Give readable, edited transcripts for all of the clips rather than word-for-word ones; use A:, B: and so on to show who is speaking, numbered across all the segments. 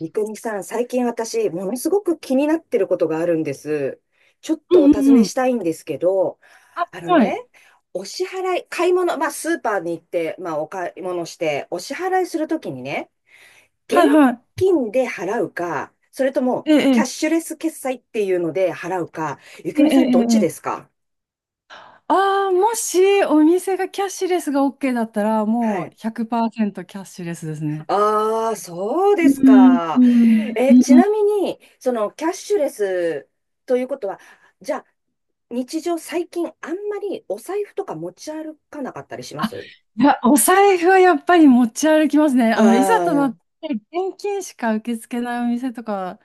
A: 三国さん、最近私、ものすごく気になってることがあるんです。ちょっ
B: う
A: とお
B: んう
A: 尋
B: ん
A: ね
B: うん。
A: したいんですけど、あの
B: は
A: ね、
B: い。
A: お支払い、買い物、まあ、スーパーに行って、まあ、お買い物して、お支払いするときにね、現
B: はいはい。
A: 金で払うか、それとも、
B: え
A: キャッ
B: え、
A: シュレス決済っていうので払うか、ゆく
B: ええ、え
A: みさん、どっ
B: え、
A: ち
B: え
A: です
B: え。
A: か？
B: ああ、もしお店がキャッシュレスが OK だったら、
A: は
B: もう
A: い。
B: 100%キャッシュレスですね。
A: ああ、そう
B: う
A: です
B: ん、
A: か。
B: うん、
A: え、ち
B: うん。
A: なみに、キャッシュレスということは、じゃあ、日常最近あんまりお財布とか持ち歩かなかったりしま
B: あ、
A: すう
B: いや、お財布はやっぱり持ち歩きますね。いざと
A: ー
B: なっ
A: ん。
B: て現金しか受け付けないお店とか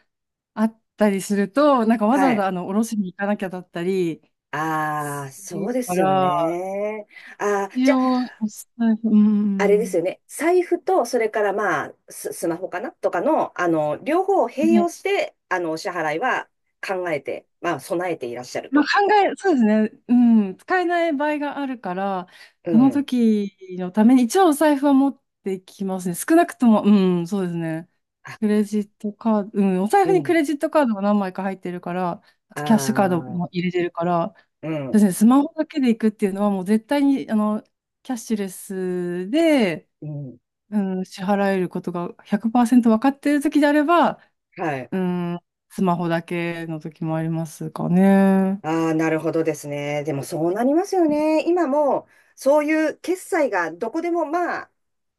B: あったりすると、なんかわざ
A: は
B: わざ
A: い。
B: おろしに行かなきゃだったり
A: あ
B: す
A: あ、そ
B: る
A: うで
B: か
A: すよ
B: ら、
A: ね。ああ、
B: 一
A: じゃあ、
B: 応、お財布、う
A: あれです
B: ん。
A: よね。財布と、それからまあ、スマホかなとかの、両方を併用して、お支払いは考えて、まあ、備えていらっしゃる
B: まあ、
A: と。
B: そうですね。うん。使えない場合があるから、
A: う
B: その
A: ん。
B: 時のために、一応お財布は持ってきますね。少なくとも、うん、そうですね。
A: あ、
B: クレジットカード、うん、お財
A: う
B: 布にク
A: ん。
B: レジットカードが何枚か入ってるから、あ
A: あ
B: とキャッシュカード
A: あ、
B: も入れてるから、
A: う
B: そうで
A: ん。
B: すね。スマホだけで行くっていうのはもう絶対に、キャッシュレスで、
A: うん。
B: うん、支払えることが100%分かってる時であれば、
A: はい。
B: うん、スマホだけの時もありますかね。
A: ああ、なるほどですね。でもそうなりますよね。今も、そういう決済がどこでも、まあ、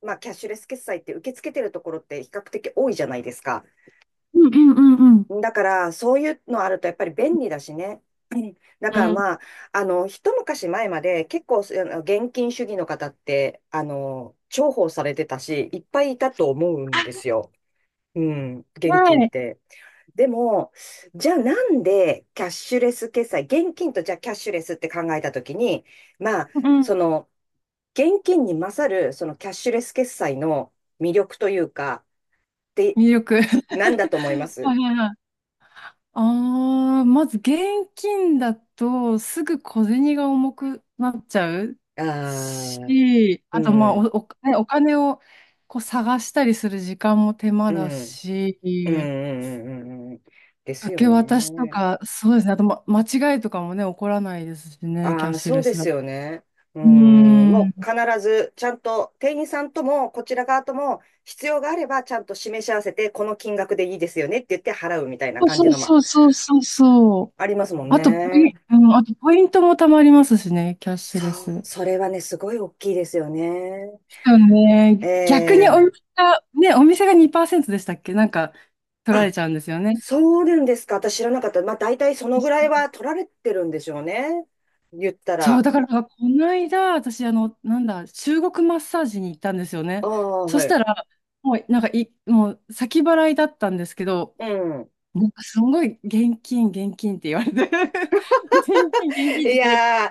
A: まあ、キャッシュレス決済って受け付けてるところって比較的多いじゃないですか。
B: うんうんうんうん。
A: だから、そういうのあるとやっぱり便利だしね。うん。だからまあ、一昔前まで結構、現金主義の方って、重宝されてたし、いっぱいいたと思うんですよ。うん、現
B: は
A: 金っ
B: い。
A: て。でも、じゃあなんでキャッシュレス決済、現金とじゃあキャッシュレスって考えたときに、まあ、
B: うんう
A: そ
B: ん。
A: の、現金に勝る、そのキャッシュレス決済の魅力というか、って
B: 魅力。
A: 何だと思いま
B: は
A: す？
B: いはいはい。ああ、まず現金だとすぐ小銭が重くなっちゃう
A: ああー、
B: し、あ
A: う
B: とまあ
A: ん、
B: ねお金をこう探したりする時間も手間
A: う
B: だ
A: ん、
B: し、
A: うん、うん、うん、うん。うんです
B: 受
A: よ
B: け渡しと
A: ね。
B: か、そうですね、あと、間違いとかもね、起こらないですしね、
A: あ
B: キャッ
A: あ、
B: シュ
A: そう
B: レ
A: で
B: スだ
A: す
B: と。
A: よね。う
B: う
A: ん、
B: ー
A: も
B: ん。
A: う必ずちゃんと店員さんともこちら側とも必要があればちゃんと示し合わせてこの金額でいいですよねって言って払うみたいな感じ
B: そう
A: のも
B: そうそうそうそうそう。
A: ありますもん
B: あとポイ
A: ね。
B: ン、うん、あとポイントも貯まりますしね、キャッシュレ
A: そう、
B: ス。
A: それはね、すごい大きいですよね。
B: そうね。逆にお
A: ええ。
B: 店が、ね、お店が2%でしたっけなんか、取ら
A: あ、
B: れちゃうんですよね。
A: そうなんですか。私知らなかった。まあ大体そのぐ
B: そ
A: らい
B: う、
A: は取られてるんでしょうね。言った
B: そう
A: ら。
B: だから、この間、私、なんだ、中国マッサージに行ったんですよ
A: あ
B: ね。
A: あ、
B: そ
A: は
B: し
A: い。
B: たら、もう、先払いだったんですけど、
A: うん。
B: なんか、すごい、現金、現金って言われて、現金、現金
A: い
B: って言
A: やー、
B: われて、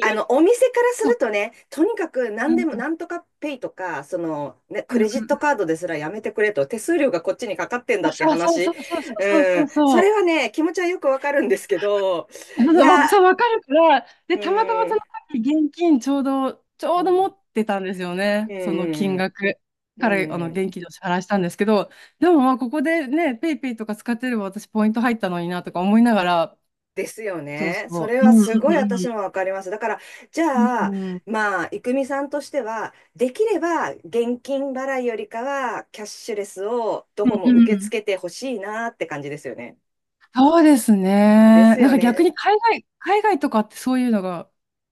A: お店からす
B: そ
A: る
B: う
A: とね、とにかく
B: う
A: 何
B: ん
A: でも、
B: うん
A: なんとかペイとか、ね、
B: う
A: ク
B: んう
A: レ
B: ん。
A: ジットカードですらやめてくれと、手数料がこっちにかかってんだ
B: あ
A: って
B: そうそう
A: 話。
B: そうそうそう
A: う
B: そ
A: ん、
B: う
A: そ
B: そう。
A: れはね、気持ちはよくわかるんですけど、
B: あそう
A: い
B: わ
A: や
B: そう、わかるから、で、たまたまそ
A: ー、
B: の時現金ちょうど、ち
A: う
B: ょ
A: ん、
B: う
A: う
B: ど持
A: ん、
B: ってたんですよ
A: う
B: ね、その
A: ん、
B: 金額。
A: う
B: から、
A: ん、うん。
B: 現金でお支払いしたんですけど、でもまあ、ここでね、ペイペイとか使ってれば私ポイント入ったのになとか思いながら、
A: ですよ
B: そう
A: ね。そ
B: そ
A: れ
B: う、う
A: は
B: んう
A: すごい私
B: ん
A: もわかります。だから、じ
B: うん、
A: ゃあ、
B: うんうん、
A: まあ、いくみさんとしては、できれば現金払いよりかは、キャッシュレスをど
B: う
A: こ
B: んう
A: も受け
B: ん。
A: 付けてほしいなって感じですよね。
B: そうです
A: で
B: ね。
A: す
B: なん
A: よ
B: か逆
A: ね。
B: に海外とかってそういうのが、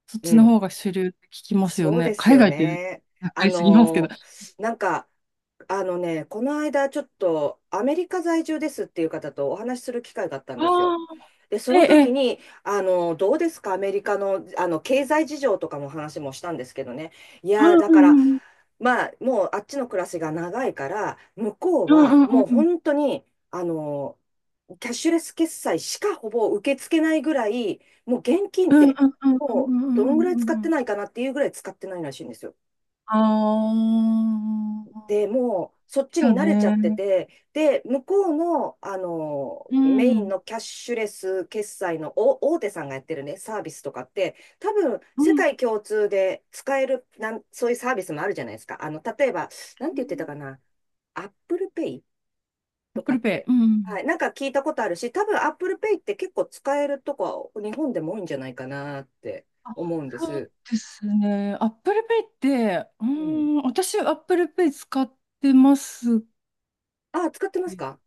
B: そっ
A: う
B: ちの
A: ん。
B: 方が主流って聞きますよ
A: そうで
B: ね。
A: す
B: 海
A: よ
B: 外って、
A: ね。
B: わか
A: あ
B: りすぎますけど。
A: の、
B: あ
A: なんか、あのね、この間ちょっとアメリカ在住ですっていう方とお話しする機会があったんですよ。
B: あ、
A: で、そ
B: ええ、
A: の
B: え
A: 時
B: え
A: に、どうですか、アメリカの、経済事情とかも話もしたんですけどね。いやー、だ
B: う
A: から、
B: んうん
A: まあ、もうあっちの暮らしが長いから、向こう
B: う
A: は
B: んうんう
A: もう
B: んうん。
A: 本当に、あの、キャッシュレス決済しかほぼ受け付けないぐらい、もう現金
B: う
A: っ
B: んう
A: て、
B: んうんう
A: も
B: んう
A: うど
B: んうんう
A: のぐら
B: ん
A: い
B: う
A: 使っ
B: んう
A: て
B: ん。
A: ないかなっていうぐらい使ってないらしいんですよ。
B: あ
A: で、
B: あ。
A: もうそっちに
B: だ
A: 慣れちゃって
B: ね。
A: て、で、向こうの、
B: う
A: メイン
B: ん。
A: のキャッシュレス決済のお大手さんがやってるね、サービスとかって、多
B: うんうんああだね
A: 分
B: う
A: 世
B: んうん
A: 界共通で使えるなん、そういうサービスもあるじゃないですか。例えば、なんて言ってたかな、アップルペイ
B: ア
A: と
B: ップ
A: かっ
B: ルペ
A: て。
B: イ。うん。
A: はい。なんか聞いたことあるし、多分 Apple Pay って結構使えるとこは日本でも多いんじゃないかなって
B: あ、
A: 思うんで
B: そう
A: す。
B: ですね。アップルペイって、うー
A: うん。
B: ん、私アップルペイ使ってます
A: あ、使ってます
B: けど。
A: か？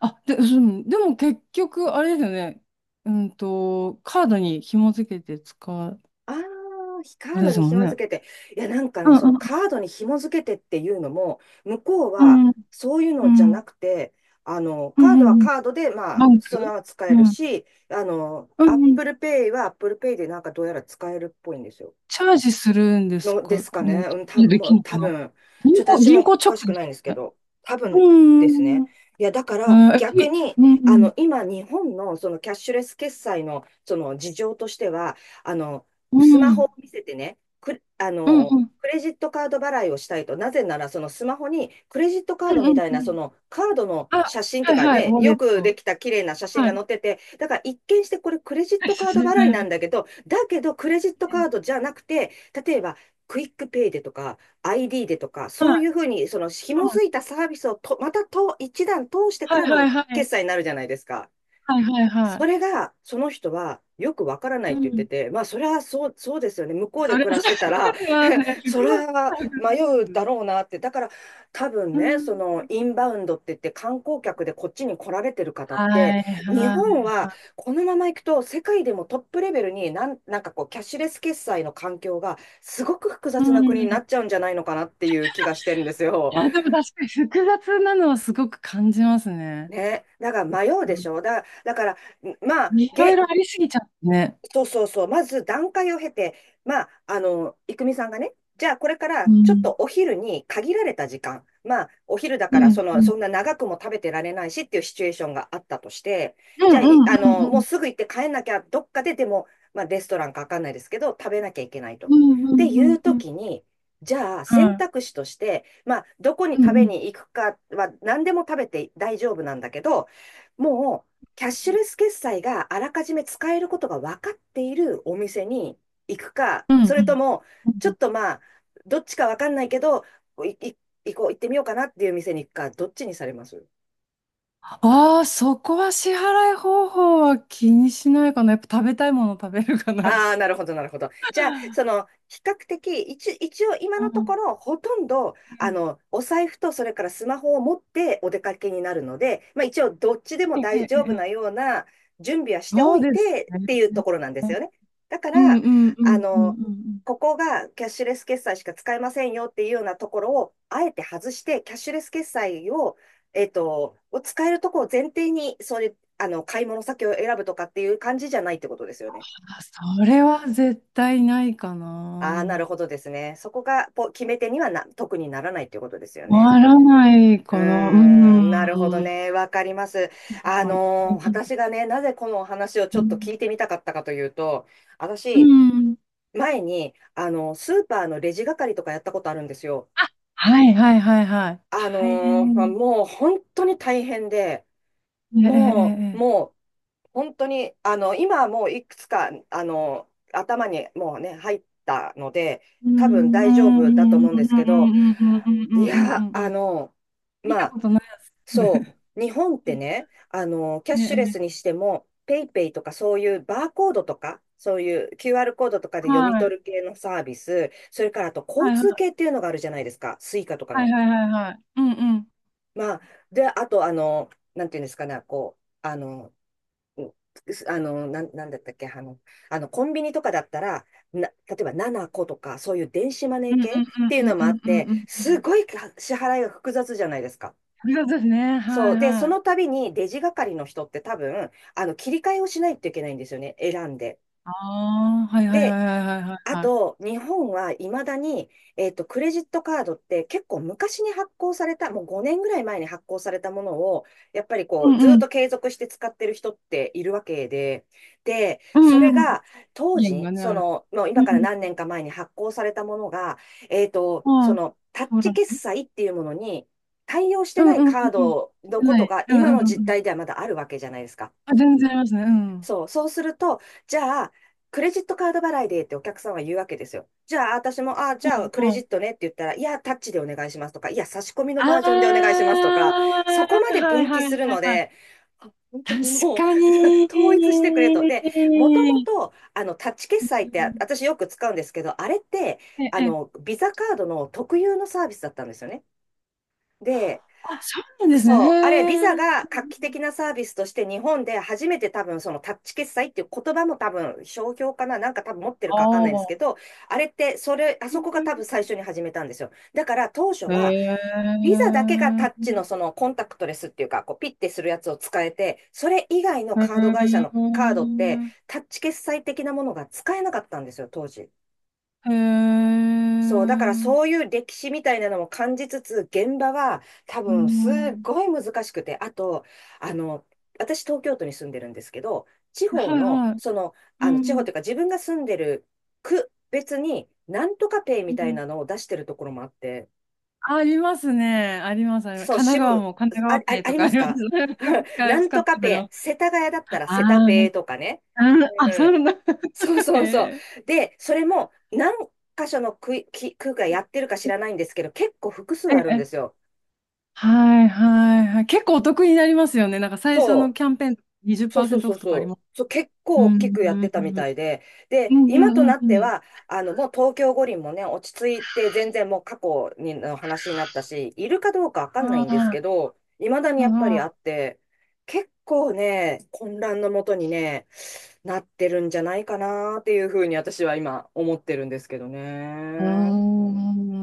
B: あ、で、うん、でも結局、あれですよね。カードに紐付けて使う、
A: ああー、
B: あ
A: カー
B: れ
A: ド
B: です
A: に
B: もん
A: 紐
B: ね。
A: 付けて。いや、なんか
B: う
A: ね、その
B: んうん
A: カードに紐付けてっていうのも、向こう
B: う
A: は
B: んうん
A: そういう
B: う
A: のじゃな
B: ん
A: くて、
B: う
A: カー
B: ん
A: ド
B: うん
A: は
B: うん。
A: カードで、ま
B: バ
A: あ、
B: ンク
A: そのまま使
B: う
A: える
B: ん。
A: し、
B: うんうん
A: Apple Pay は Apple Pay でなんかどうやら使えるっぽいんですよ。
B: チャージするんです
A: ので
B: か
A: すかね。
B: ね。チ
A: う
B: ャー
A: ん、多
B: ジ
A: 分、
B: で
A: も
B: きる
A: う
B: のか
A: 多
B: な
A: 分、ちょっと私も
B: 銀行直
A: おかしく
B: で
A: な
B: す
A: いんですけ
B: ね。
A: ど、多
B: う
A: 分です
B: ーん。
A: ね。いや、だから
B: あー、え、
A: 逆
B: い
A: に、
B: うん、うん。
A: 今、日本のそのキャッシュレス決済のその事情としては、あの、
B: う
A: スマホ
B: ん。
A: を見せてね、く、あ
B: うんう
A: の、
B: ん。
A: クレジットカード払いをしたいと、なぜならそのスマホにクレジットカー
B: うん
A: ド
B: う
A: み
B: ん
A: たい
B: う
A: な
B: んう
A: そ
B: ん。
A: のカードの
B: あ、
A: 写真と
B: は
A: いう
B: い
A: か
B: はい、
A: ね、
B: ウォレ
A: よ
B: ッ
A: く
B: ト。
A: できた綺麗な写真
B: は
A: が
B: い。
A: 載ってて、だから一見してこれクレジッ
B: はい、
A: トカ
B: 久
A: ー
B: し
A: ド
B: ぶり。
A: 払いなん
B: は
A: だけど、だけどクレジットカ
B: い、
A: ードじゃなくて、例えばクイックペイでとか、ID でとか、
B: は
A: そうい
B: い、
A: うふうに、その紐づいたサービスをと、またと一段通してか
B: はい
A: らの
B: はい。
A: 決済になるじゃないですか。
B: はいはいはいは
A: そ
B: い。
A: れが、その人はよくわからないっ
B: う
A: て言って
B: ん。
A: て、まあ、それはそう、そうですよね。向こうで暮ら
B: そ
A: してたら、
B: れはね、
A: そ
B: 複雑
A: れは
B: な感
A: 迷う
B: じで
A: だ
B: す。
A: ろうなって。だから多分
B: う
A: ね、そ
B: ん。
A: のインバウンドって言って観光客でこっちに来られてる方っ
B: は
A: て、
B: い
A: 日
B: は
A: 本
B: い
A: は
B: は
A: このまま行くと世界でもトップレベルになん、こうキャッシュレス決済の環境がすごく複
B: い。う
A: 雑な国に
B: ん。
A: な
B: い
A: っちゃうんじゃないのかなっていう気がしてるんですよ。
B: や、でも確かに複雑なのはすごく感じますね。
A: ね。だから迷うでしょ。だから、まあ、
B: いろいろありすぎちゃってね。
A: そうそうそう、まず段階を経て、まあ、いくみさんがね、じゃあこれか
B: う
A: らちょっ
B: ん。
A: とお昼に限られた時間、まあ、お昼だ
B: う
A: から
B: ん、
A: そ
B: う
A: の、
B: ん。
A: そんな長くも食べてられないしっていうシチュエーションがあったとして、
B: う
A: じ
B: んう
A: ゃあ、い、あ
B: んう
A: の、
B: んう
A: もう
B: ん。
A: すぐ行って帰んなきゃ、どっかででも、まあ、レストランかわかんないですけど、食べなきゃいけないと。っ
B: うんう
A: て
B: んう
A: いう
B: んうん。
A: 時に、じゃあ
B: う
A: 選
B: ん。
A: 択肢として、まあ、どこに
B: うんう
A: 食べ
B: ん。
A: に行くかは何でも食べて大丈夫なんだけど、もキャッシュレス決済があらかじめ使えることが分かっているお店に行くか、
B: うんう
A: それと
B: ん。
A: も、
B: う
A: ちょっ
B: ん
A: とまあ、どっちか分かんないけど、い、い、行こう、行ってみようかなっていう店に行くか、どっちにされます？
B: ああ、そこは支払い方法は気にしないかな。やっぱ食べたいもの食べるかな。
A: ああ、なるほど、なるほど。じゃあ、その、比較的、一応今
B: う
A: のとこ
B: ん。
A: ろ、ほとんど、
B: うん。
A: お財布と、それからスマホを持ってお出かけになるので、まあ一応、どっちでも
B: ええ
A: 大
B: え
A: 丈
B: え
A: 夫
B: え
A: な
B: え。
A: ような準備はしてお
B: そう
A: い
B: です
A: てっ
B: ね。
A: ていうところなんですよね。だか
B: うんう
A: ら、
B: んう
A: あ
B: んうんう
A: の、
B: んうん。
A: ここがキャッシュレス決済しか使えませんよっていうようなところを、あえて外して、キャッシュレス決済を、を使えるところを前提に、そういう、買い物先を選ぶとかっていう感じじゃないってことですよね。
B: あ、それは絶対ないか
A: あ
B: な。
A: あ、なるほどですね。そこが決め手には特にならないということですよね。
B: 回らない
A: う
B: かな。う
A: ーん、なるほど
B: ん。
A: ね。わかります。
B: はい現金。
A: 私がね、なぜこのお話を
B: う
A: ちょっと
B: ん。
A: 聞いてみたかったかというと、
B: う
A: 私、
B: ん
A: 前に、スーパーのレジ係とかやったことあるんですよ。
B: はいはいはいはい。大
A: まあ
B: 変。
A: もう本当に大変で、
B: ええええ
A: もう、
B: ええ。
A: もう、本当に、今はもういくつか、頭にもうね、入ったので、
B: う
A: 多分
B: ん、う
A: 大丈
B: ん、う
A: 夫だと
B: ん、
A: 思うん
B: う
A: ですけど、
B: ん、うん、うん、う
A: い
B: ん、うん、うん、う
A: や、
B: ん、うん。見
A: ま
B: た
A: あ、
B: ことないやつ。
A: そう、日本っ
B: え
A: てね、キャッ
B: え、
A: シュレ
B: え
A: スに
B: え
A: しても、ペイペイとかそういうバーコードとか、そういう QR コードとかで読み
B: はい、
A: 取る系のサービス、それからあと交
B: はい、
A: 通
B: は
A: 系っていうのがあるじゃないですか、スイカとか
B: い、はい、
A: の。
B: はい、はい。うん、うん。
A: まあ、で、あと、なんていうんですかね、こう、うなんだったっけ、あのコンビニとかだったら、例えば7個とか、そういう電子マネー
B: うん、うん、
A: 系っ
B: うん、
A: ていう
B: うん、
A: のも
B: う
A: あっ
B: ん、う
A: て、
B: ん、う
A: す
B: ん。
A: ごい支払いが複雑じゃないですか。
B: 複雑ですね。は
A: そ
B: い、
A: う。で、そ
B: はい。
A: の度にレジ係の人って多分、切り替えをしないといけないんですよね。選んで。
B: ああ、はい、はい、は
A: で、
B: い、はい、はい、はい。
A: あ
B: はい
A: と、日本はいまだに、クレジットカードって結構昔に発行された、もう5年ぐらい前に発行されたものを、やっぱり
B: う
A: こう、
B: ん、
A: ず
B: う
A: っ
B: ん、
A: と継続して使ってる人っているわけで、で、
B: う
A: それ
B: ん、うん。
A: が当
B: 意見
A: 時、
B: がね、
A: そ
B: ある。
A: の、もう
B: う
A: 今から
B: ん、
A: 何年か前に発行されたものが、そ
B: はい。
A: の、タッ
B: そう
A: チ
B: だ
A: 決
B: ね。
A: 済っていうものに対応し
B: う
A: て
B: ん、
A: ない
B: うん、うん、
A: カー
B: う
A: ドの
B: ん。
A: こ
B: は
A: と
B: い。
A: が
B: うん、う
A: 今
B: ん、うん、
A: の
B: う
A: 実
B: ん。
A: 態ではまだあるわけじゃないですか。
B: あ、全然ありますね。うん。は
A: そう、そうすると、じゃあ、クレジットカード払いでってお客さんは言うわけですよ。じゃあ、私も、あ、じゃあ、クレジ
B: い、
A: ットねって言ったら、いや、タッチでお願いしますとか、いや、差し込みの
B: ああ、
A: バージョンでお願いしますとか、
B: は
A: そこまで
B: い
A: 分岐
B: は
A: す
B: い
A: る
B: はい
A: の
B: はい。
A: で、あ本当
B: 確
A: にもう
B: か に。
A: 統一してくれと。で、もともと、タッチ決
B: う
A: 済ってあ
B: ん、
A: 私よく使うんですけど、あれって、
B: ええ、
A: ビザカードの特有のサービスだったんですよね。で、
B: あ、そうなんですね。
A: そう、あれ、ビ
B: へえ。
A: ザが画期的なサービスとして日本で初めて多分そのタッチ決済っていう言葉も多分商標かな、なんか多分持ってる
B: あ
A: かわかんないんですけ
B: あ。
A: ど、あれってそれ、あそこが多分最初に始めたんですよ。だから当初
B: へえ。
A: は
B: へ
A: ビ
B: え。
A: ザだけがタッチのそのコンタクトレスっていうか、こうピッてするやつを使えて、それ以外の
B: へ
A: カード会社のカードっ
B: え。
A: てタッチ決済的なものが使えなかったんですよ、当時。そう、だからそういう歴史みたいなのも感じつつ、現場は多
B: う
A: 分すっ
B: ん。
A: ごい難しくて、あと、あの、私東京都に住んでるんですけど、地方
B: はい
A: の、
B: はい。
A: その、
B: う
A: 地方
B: ん。
A: というか自分が住んでる区別に、なんとかペイみ
B: う
A: たい
B: ん
A: なのを出してるところもあって、
B: ありますね。あります。あります
A: そう、
B: 神奈川も神奈
A: あ、あ、
B: 川ペイ
A: あ
B: と
A: り
B: か
A: ま
B: あ
A: す
B: ります。
A: か なん
B: 使っ
A: と
B: た
A: か
B: ことあり
A: ペ
B: ます。
A: イ、世田谷だったらセタ
B: ああ、め
A: ペイ
B: っ
A: とかね。
B: うん、あ、そんな
A: そう
B: へ
A: そうそう。
B: え。
A: で、それも何箇所の区、き区がやってるか知らないんですけど、結構複数
B: え
A: あるんで
B: え、
A: すよ。
B: はいはいはい。結構お得になりますよね。なんか最初の
A: そ
B: キ
A: う。
B: ャンペーン
A: そうそう
B: 20%オ
A: そう
B: フとか
A: そ
B: あり
A: う。
B: ます。
A: そう、結
B: う
A: 構大き
B: ん、
A: くや
B: う
A: って
B: ん、う
A: たみ
B: ん、
A: たいで、
B: う
A: で、今と
B: ん、う
A: な
B: ん、
A: っ
B: う
A: て
B: ん。うん
A: は、もう東京五輪もね、落ち着いて、全然もう過去にの話になったし、いるかどうかわかんないんです
B: あ
A: けど、いまだに
B: あ、
A: や
B: はい
A: っぱりあ
B: は
A: って、結構ね、混乱のもとにね、なってるんじゃないかなっていうふうに私は今思ってるんですけど
B: い。うー
A: ね。うん
B: ん。